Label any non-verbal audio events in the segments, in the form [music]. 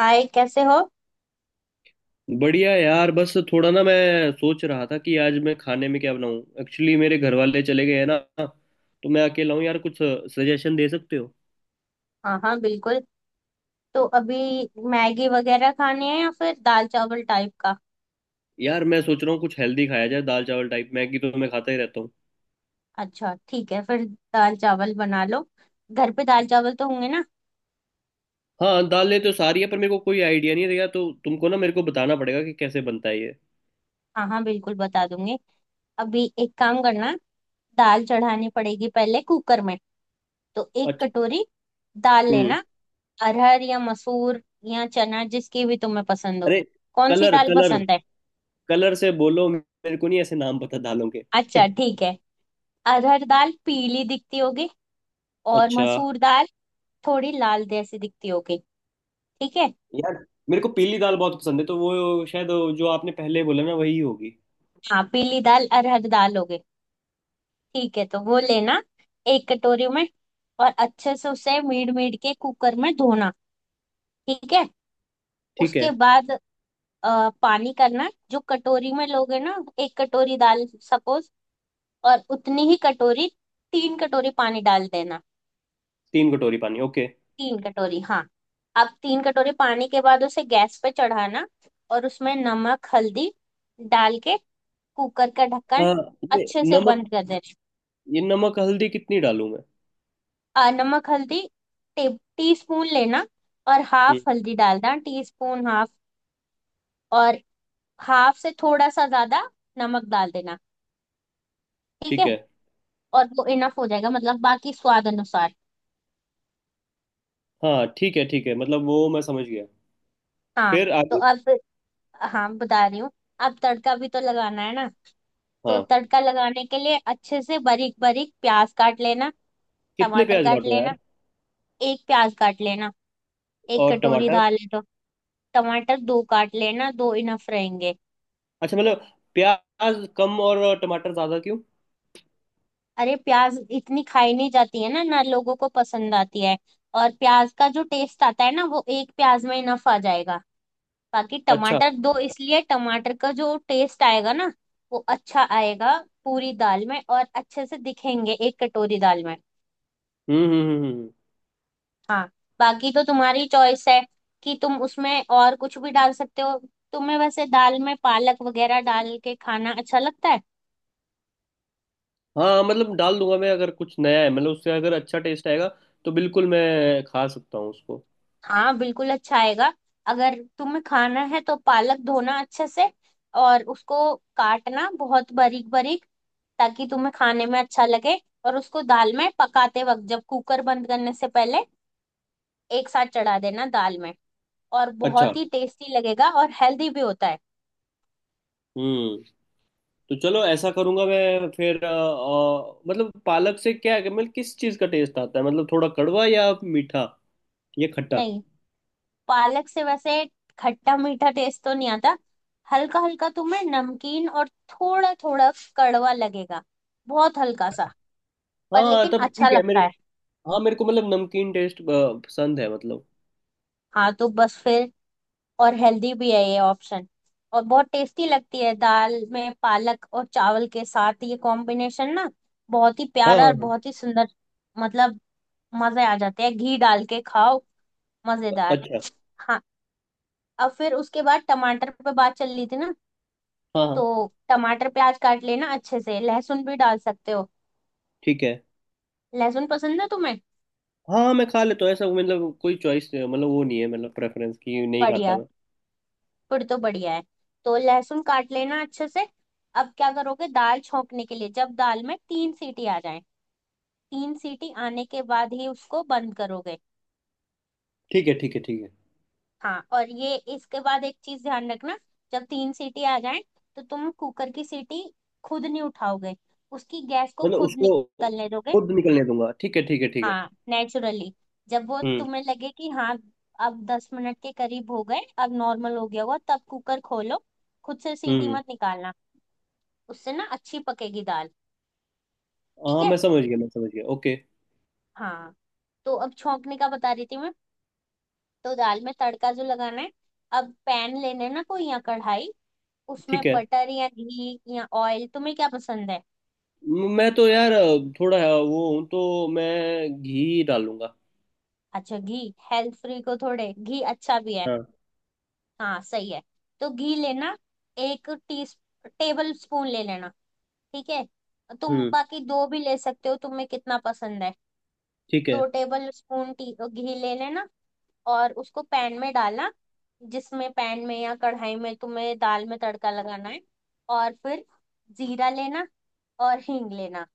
हाय, कैसे हो। बढ़िया यार। बस थोड़ा ना, मैं सोच रहा था कि आज मैं खाने में क्या बनाऊं, एक्चुअली मेरे घर वाले चले गए हैं ना, तो मैं अकेला हूँ यार। कुछ सजेशन दे सकते हो? हाँ हाँ बिल्कुल। तो अभी मैगी वगैरह खाने हैं या फिर दाल चावल टाइप का। यार मैं सोच रहा हूँ कुछ हेल्दी खाया जाए, दाल चावल टाइप। मैगी तो मैं खाता ही रहता हूँ। अच्छा ठीक है फिर, दाल चावल बना लो। घर पे दाल चावल तो होंगे ना। हाँ, दालें तो सारी है पर मेरे को कोई आइडिया नहीं रहेगा, तो तुमको ना मेरे को बताना पड़ेगा कि कैसे बनता है ये। हाँ हाँ बिल्कुल बता दूंगी। अभी एक काम करना, दाल चढ़ानी पड़ेगी पहले कुकर में। तो एक अच्छा। कटोरी दाल हम्म। लेना। अरहर या मसूर या चना, जिसकी भी तुम्हें पसंद हो। अरे, कौन सी कलर दाल कलर। पसंद है। कलर से बोलो, मेरे को नहीं ऐसे नाम पता दालों के। [laughs] अच्छा ठीक है। अरहर दाल पीली दिखती होगी और अच्छा मसूर दाल थोड़ी लाल जैसी दिखती होगी। ठीक है। यार, मेरे को पीली दाल बहुत पसंद है तो वो शायद जो आपने पहले बोला ना वही होगी। हाँ, पीली दाल अरहर दाल हो गई। ठीक है तो वो लेना एक कटोरी में, और अच्छे से उसे मीड मीड के कुकर में धोना। ठीक है। ठीक है। उसके बाद पानी करना, जो कटोरी में लोगे ना, एक कटोरी दाल सपोज, और उतनी ही कटोरी, 3 कटोरी पानी डाल देना। 3 कटोरी पानी, ओके। 3 कटोरी हाँ। अब 3 कटोरी पानी के बाद उसे गैस पे चढ़ाना, और उसमें नमक हल्दी डाल के कुकर का ढक्कन हाँ। ये अच्छे से नमक बंद कर देना। ये नमक हल्दी कितनी डालूं मैं? नमक हल्दी, टे, टी स्पून लेना। और हम्म। हाफ हल्दी डालना, टी स्पून हाफ। और हाफ से थोड़ा सा ज्यादा नमक डाल देना। ठीक है। ठीक है। और वो इनफ हो जाएगा, मतलब बाकी स्वाद अनुसार। हाँ ठीक है, ठीक है मतलब वो मैं समझ गया। हाँ फिर तो आगे? अब, हाँ बता रही हूँ। अब तड़का भी तो लगाना है ना। तो हाँ। तड़का लगाने के लिए अच्छे से बारीक बारीक प्याज काट लेना। कितने टमाटर प्याज काट काटो लेना। यार? एक प्याज काट लेना, एक और कटोरी टमाटर? दाल है तो। टमाटर दो काट लेना, दो इनफ रहेंगे। अच्छा मतलब प्याज कम और टमाटर ज्यादा क्यों? अरे, प्याज इतनी खाई नहीं जाती है ना ना लोगों को पसंद आती है। और प्याज का जो टेस्ट आता है ना, वो एक प्याज में इनफ आ जाएगा। बाकी अच्छा। टमाटर दो इसलिए, टमाटर का जो टेस्ट आएगा ना, वो अच्छा आएगा पूरी दाल में। और अच्छे से दिखेंगे एक कटोरी दाल में। हम्म। हाँ, बाकी तो तुम्हारी चॉइस है कि तुम उसमें और कुछ भी डाल सकते हो। तुम्हें वैसे दाल में पालक वगैरह डाल के खाना अच्छा लगता है। हाँ मतलब डाल दूंगा मैं अगर कुछ नया है, मतलब उससे अगर अच्छा टेस्ट आएगा तो बिल्कुल मैं खा सकता हूँ उसको। हाँ बिल्कुल, अच्छा आएगा। अगर तुम्हें खाना है तो पालक धोना अच्छे से, और उसको काटना बहुत बारीक बारीक, ताकि तुम्हें खाने में अच्छा लगे। और उसको दाल में पकाते वक्त, जब कुकर बंद करने से पहले एक साथ चढ़ा देना दाल में। और अच्छा। बहुत ही टेस्टी लगेगा, और हेल्दी भी होता है। हम्म। तो चलो, ऐसा करूंगा मैं फिर। मतलब पालक से क्या है, मतलब किस चीज़ का टेस्ट आता है, मतलब थोड़ा कड़वा या मीठा या खट्टा? नहीं, पालक से वैसे खट्टा मीठा टेस्ट तो नहीं आता। हल्का हल्का तुम्हें नमकीन, और थोड़ा थोड़ा कड़वा लगेगा। बहुत हल्का सा, पर हाँ लेकिन तब अच्छा ठीक है। लगता मेरे है। हाँ मेरे को मतलब नमकीन टेस्ट पसंद है मतलब। हाँ तो बस फिर, और हेल्दी भी है ये ऑप्शन। और बहुत टेस्टी लगती है दाल में पालक, और चावल के साथ ये कॉम्बिनेशन ना, बहुत ही हाँ प्यारा हाँ और हाँ। बहुत ही सुंदर। मतलब, मजे आ जाते हैं, घी डाल के खाओ। मजेदार। अच्छा। हाँ, अब फिर उसके बाद टमाटर पे बात चल रही थी ना। हाँ तो हाँ टमाटर प्याज काट लेना अच्छे से, लहसुन भी डाल सकते हो। ठीक है। लहसुन पसंद है तुम्हें। हाँ हाँ, मैं खा लेता हूँ ऐसा मतलब। कोई चॉइस मतलब वो नहीं है, मतलब प्रेफरेंस की नहीं खाता बढ़िया, मैं। फिर तो बढ़िया है। तो लहसुन काट लेना अच्छे से। अब क्या करोगे दाल छोंकने के लिए, जब दाल में 3 सीटी आ जाए। 3 सीटी आने के बाद ही उसको बंद करोगे। ठीक है ठीक है ठीक है। हाँ, और ये इसके बाद एक चीज ध्यान रखना, जब 3 सीटी आ जाए तो तुम कुकर की सीटी खुद नहीं उठाओगे। उसकी गैस को मतलब खुद उसको निकलने दोगे। खुद निकलने दूंगा। ठीक है ठीक है ठीक है। हाँ, नेचुरली। जब वो हम्म। तुम्हें लगे कि हाँ, अब 10 मिनट के करीब हो गए, अब नॉर्मल हो गया होगा, तब कुकर खोलो। खुद से सीटी हम्म। मत निकालना। उससे ना अच्छी पकेगी दाल। ठीक हाँ है। मैं समझ गया, मैं समझ गया। ओके। हाँ तो अब छौंकने का बता रही थी मैं। तो दाल में तड़का जो लगाना है, अब पैन लेना है ना कोई, या कढ़ाई। उसमें ठीक है। बटर या घी या ऑयल, तुम्हें क्या पसंद है। मैं तो यार थोड़ा वो हूँ, तो मैं घी डालूंगा। अच्छा, घी। हेल्थ फ्री को थोड़े घी अच्छा भी है। हाँ। हाँ सही है। तो घी लेना, एक टी टेबल स्पून ले लेना। ठीक है। तुम हम्म। बाकी दो भी ले सकते हो, तुम्हें कितना पसंद है। ठीक है। दो टेबल स्पून टी घी ले लेना, और उसको पैन में डालना, जिसमें पैन में या कढ़ाई में तुम्हें दाल में तड़का लगाना है। और फिर जीरा लेना और हींग लेना।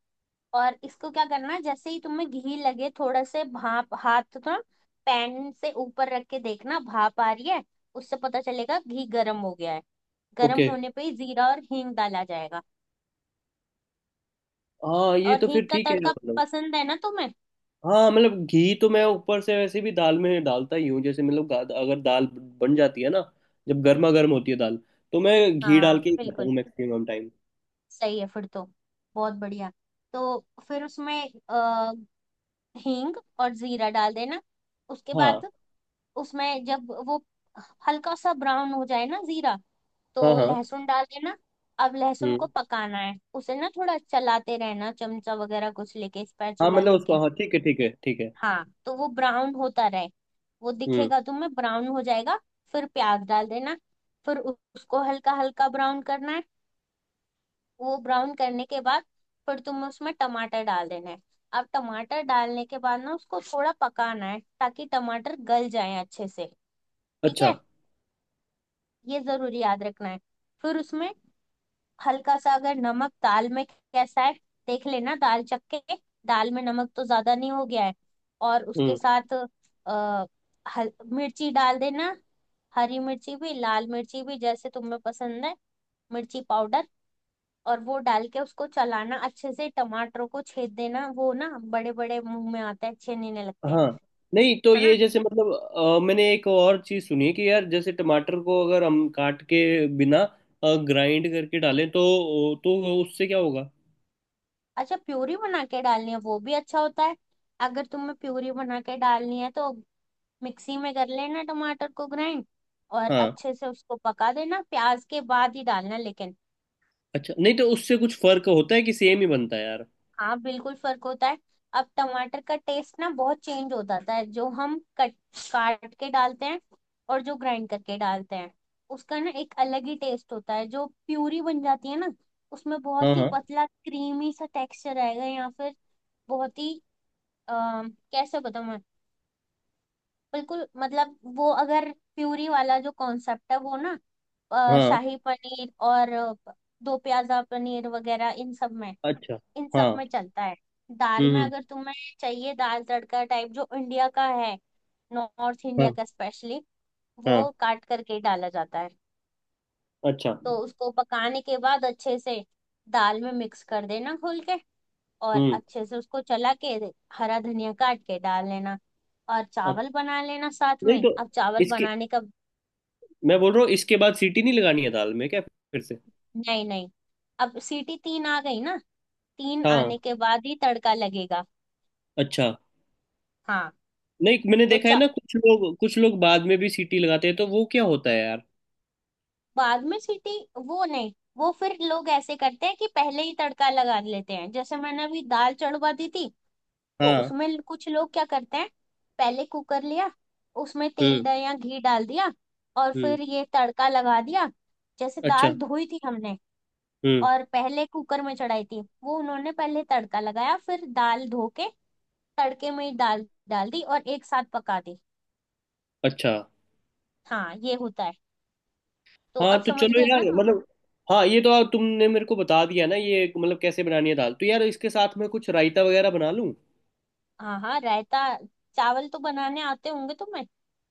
और इसको क्या करना है, जैसे ही तुम्हें घी लगे थोड़ा, से भाप, हाथ थोड़ा पैन से ऊपर रख के देखना भाप आ रही है। उससे पता चलेगा घी गर्म हो गया है। ओके। गर्म होने पे ही जीरा और हींग डाला जाएगा। हाँ ये और तो हींग फिर का ठीक है यार, तड़का मतलब। पसंद है ना तुम्हें। हाँ मतलब घी तो मैं ऊपर से वैसे भी दाल में डालता ही हूँ, जैसे मतलब अगर दाल बन जाती है ना, जब गर्मा गर्म होती है दाल, तो मैं घी हाँ डाल के ही खाता बिल्कुल हूँ मैक्सिमम टाइम। सही है, फिर तो बहुत बढ़िया। तो फिर उसमें अ, हींग और जीरा डाल देना। उसके बाद हाँ उसमें जब वो हल्का सा ब्राउन हो जाए ना जीरा, हाँ तो हाँ। लहसुन डाल देना। अब लहसुन को हम्म। पकाना है उसे ना, थोड़ा चलाते रहना, चमचा वगैरह कुछ लेके, हाँ स्पैचुला मतलब लेके। उसको। हाँ ठीक है ठीक है ठीक है। हाँ, तो वो ब्राउन होता रहे, वो हम्म। दिखेगा तुम्हें ब्राउन हो जाएगा। फिर प्याज डाल देना। फिर उसको हल्का हल्का ब्राउन करना है। वो ब्राउन करने के बाद फिर तुम्हें उसमें टमाटर डाल देना है। अब टमाटर डालने के बाद ना, उसको थोड़ा पकाना है ताकि टमाटर गल जाए अच्छे से। ठीक अच्छा। है, ये जरूर याद रखना है। फिर उसमें हल्का सा, अगर नमक दाल में कैसा है, देख लेना दाल चख के, दाल में नमक तो ज्यादा नहीं हो गया है। और उसके हम्म। साथ आ, मिर्ची डाल देना। हरी मिर्ची भी लाल मिर्ची भी, जैसे तुम्हें पसंद है, मिर्ची पाउडर। और वो डाल के उसको चलाना अच्छे से, टमाटरों को छेद देना, वो ना बड़े बड़े मुंह में आते हैं, अच्छे नहीं नहीं लगते हैं, हाँ नहीं, तो है ये ना। जैसे मतलब मैंने एक और चीज सुनी कि यार, जैसे टमाटर को अगर हम काट के बिना ग्राइंड करके डालें तो उससे क्या होगा? अच्छा, प्यूरी बना के डालनी है, वो भी अच्छा होता है। अगर तुम्हें प्यूरी बना के डालनी है तो मिक्सी में कर लेना टमाटर को ग्राइंड। और हाँ। अच्छे से उसको पका देना, प्याज के बाद ही डालना लेकिन। अच्छा, नहीं तो उससे कुछ फर्क होता है कि सेम ही बनता है यार? हाँ बिल्कुल फर्क होता है। अब टमाटर का टेस्ट ना बहुत चेंज हो जाता है, जो हम कट काट के डालते हैं, और जो ग्राइंड करके डालते हैं, उसका ना एक अलग ही टेस्ट होता है। जो प्यूरी बन जाती है ना, उसमें बहुत हाँ ही हाँ पतला क्रीमी सा टेक्सचर आएगा। या फिर बहुत ही आ, कैसे बताऊं मैं, बिल्कुल मतलब वो, अगर प्यूरी वाला जो कॉन्सेप्ट है वो ना, हाँ। शाही पनीर और दो प्याजा पनीर वगैरह, इन सब में, अच्छा। इन हाँ। सब में चलता है। दाल हम्म। में अगर तुम्हें चाहिए दाल तड़का टाइप जो इंडिया का है, नॉर्थ इंडिया हाँ का स्पेशली, हाँ। वो काट करके डाला जाता है। अच्छा। तो उसको पकाने के बाद अच्छे से दाल में मिक्स कर देना घोल के, और हम्म। अच्छे से उसको चला के हरा धनिया काट के डाल लेना। और चावल अच्छा, बना लेना साथ नहीं में, तो अब चावल इसके बनाने का। मैं बोल रहा हूँ, इसके बाद सीटी नहीं लगानी है दाल में क्या, फिर से? नहीं नहीं, अब सीटी 3 आ गई ना, तीन हाँ। आने के बाद ही तड़का लगेगा। अच्छा, हाँ नहीं मैंने तो देखा है ना, कुछ लोग बाद में भी सीटी लगाते हैं तो वो क्या होता है यार? बाद में सीटी वो नहीं, वो फिर लोग ऐसे करते हैं कि पहले ही तड़का लगा लेते हैं, जैसे मैंने अभी दाल चढ़वा दी थी। तो हाँ। उसमें कुछ लोग क्या करते हैं, पहले कुकर लिया, उसमें तेल हम्म। डाल या घी डाल दिया, और हम्म। फिर ये तड़का लगा दिया। जैसे अच्छा। दाल धोई थी हमने हम्म। और पहले कुकर में चढ़ाई थी, वो उन्होंने पहले तड़का लगाया, फिर दाल धो के तड़के में ही दाल डाल दी और एक साथ पका दी। अच्छा। हाँ, ये होता है। तो हाँ अब तो समझ चलो गए ना यार, तुम। मतलब हाँ ये तो आप तुमने मेरे को बता दिया ना ये, मतलब कैसे बनानी है दाल। तो यार, इसके साथ मैं कुछ रायता वगैरह बना लूँ? हाँ हाँ, रायता। चावल तो बनाने आते होंगे तुम्हें।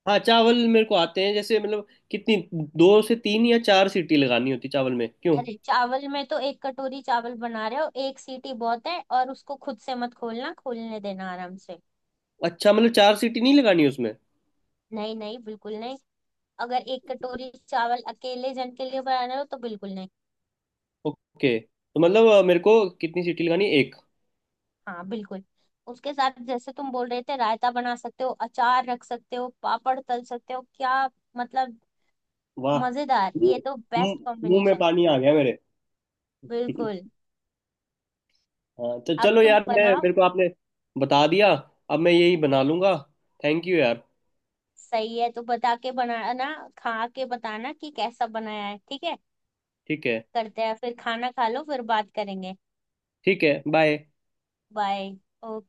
हाँ चावल मेरे को आते हैं, जैसे मतलब कितनी, दो से तीन या चार सीटी लगानी होती चावल में क्यों? अरे चावल में तो, एक कटोरी चावल बना रहे हो, एक सीटी बहुत है, और उसको खुद से मत खोलना, खोलने देना आराम से। अच्छा मतलब चार सीटी नहीं लगानी उसमें? नहीं नहीं बिल्कुल नहीं। अगर एक कटोरी चावल अकेले जन के लिए बना रहे हो तो बिल्कुल नहीं। ओके। तो मतलब मेरे को कितनी सीटी लगानी, एक? हाँ बिल्कुल। उसके साथ जैसे तुम बोल रहे थे, रायता बना सकते हो, अचार रख सकते हो, पापड़ तल सकते हो क्या, मतलब। वाह! मजेदार, मुंह ये तो बेस्ट मुंह- मुंह में कॉम्बिनेशन। पानी आ गया मेरे। बिल्कुल। [laughs] हाँ तो अब चलो तुम यार। मैं बनाओ। मेरे को आपने बता दिया, अब मैं यही बना लूंगा। थैंक यू यार। सही है, तो बता के बनाना, खा के बताना कि कैसा बनाया है। ठीक है, ठीक है। करते हैं फिर, खाना खा लो, फिर बात करेंगे। ठीक है। बाय। बाय।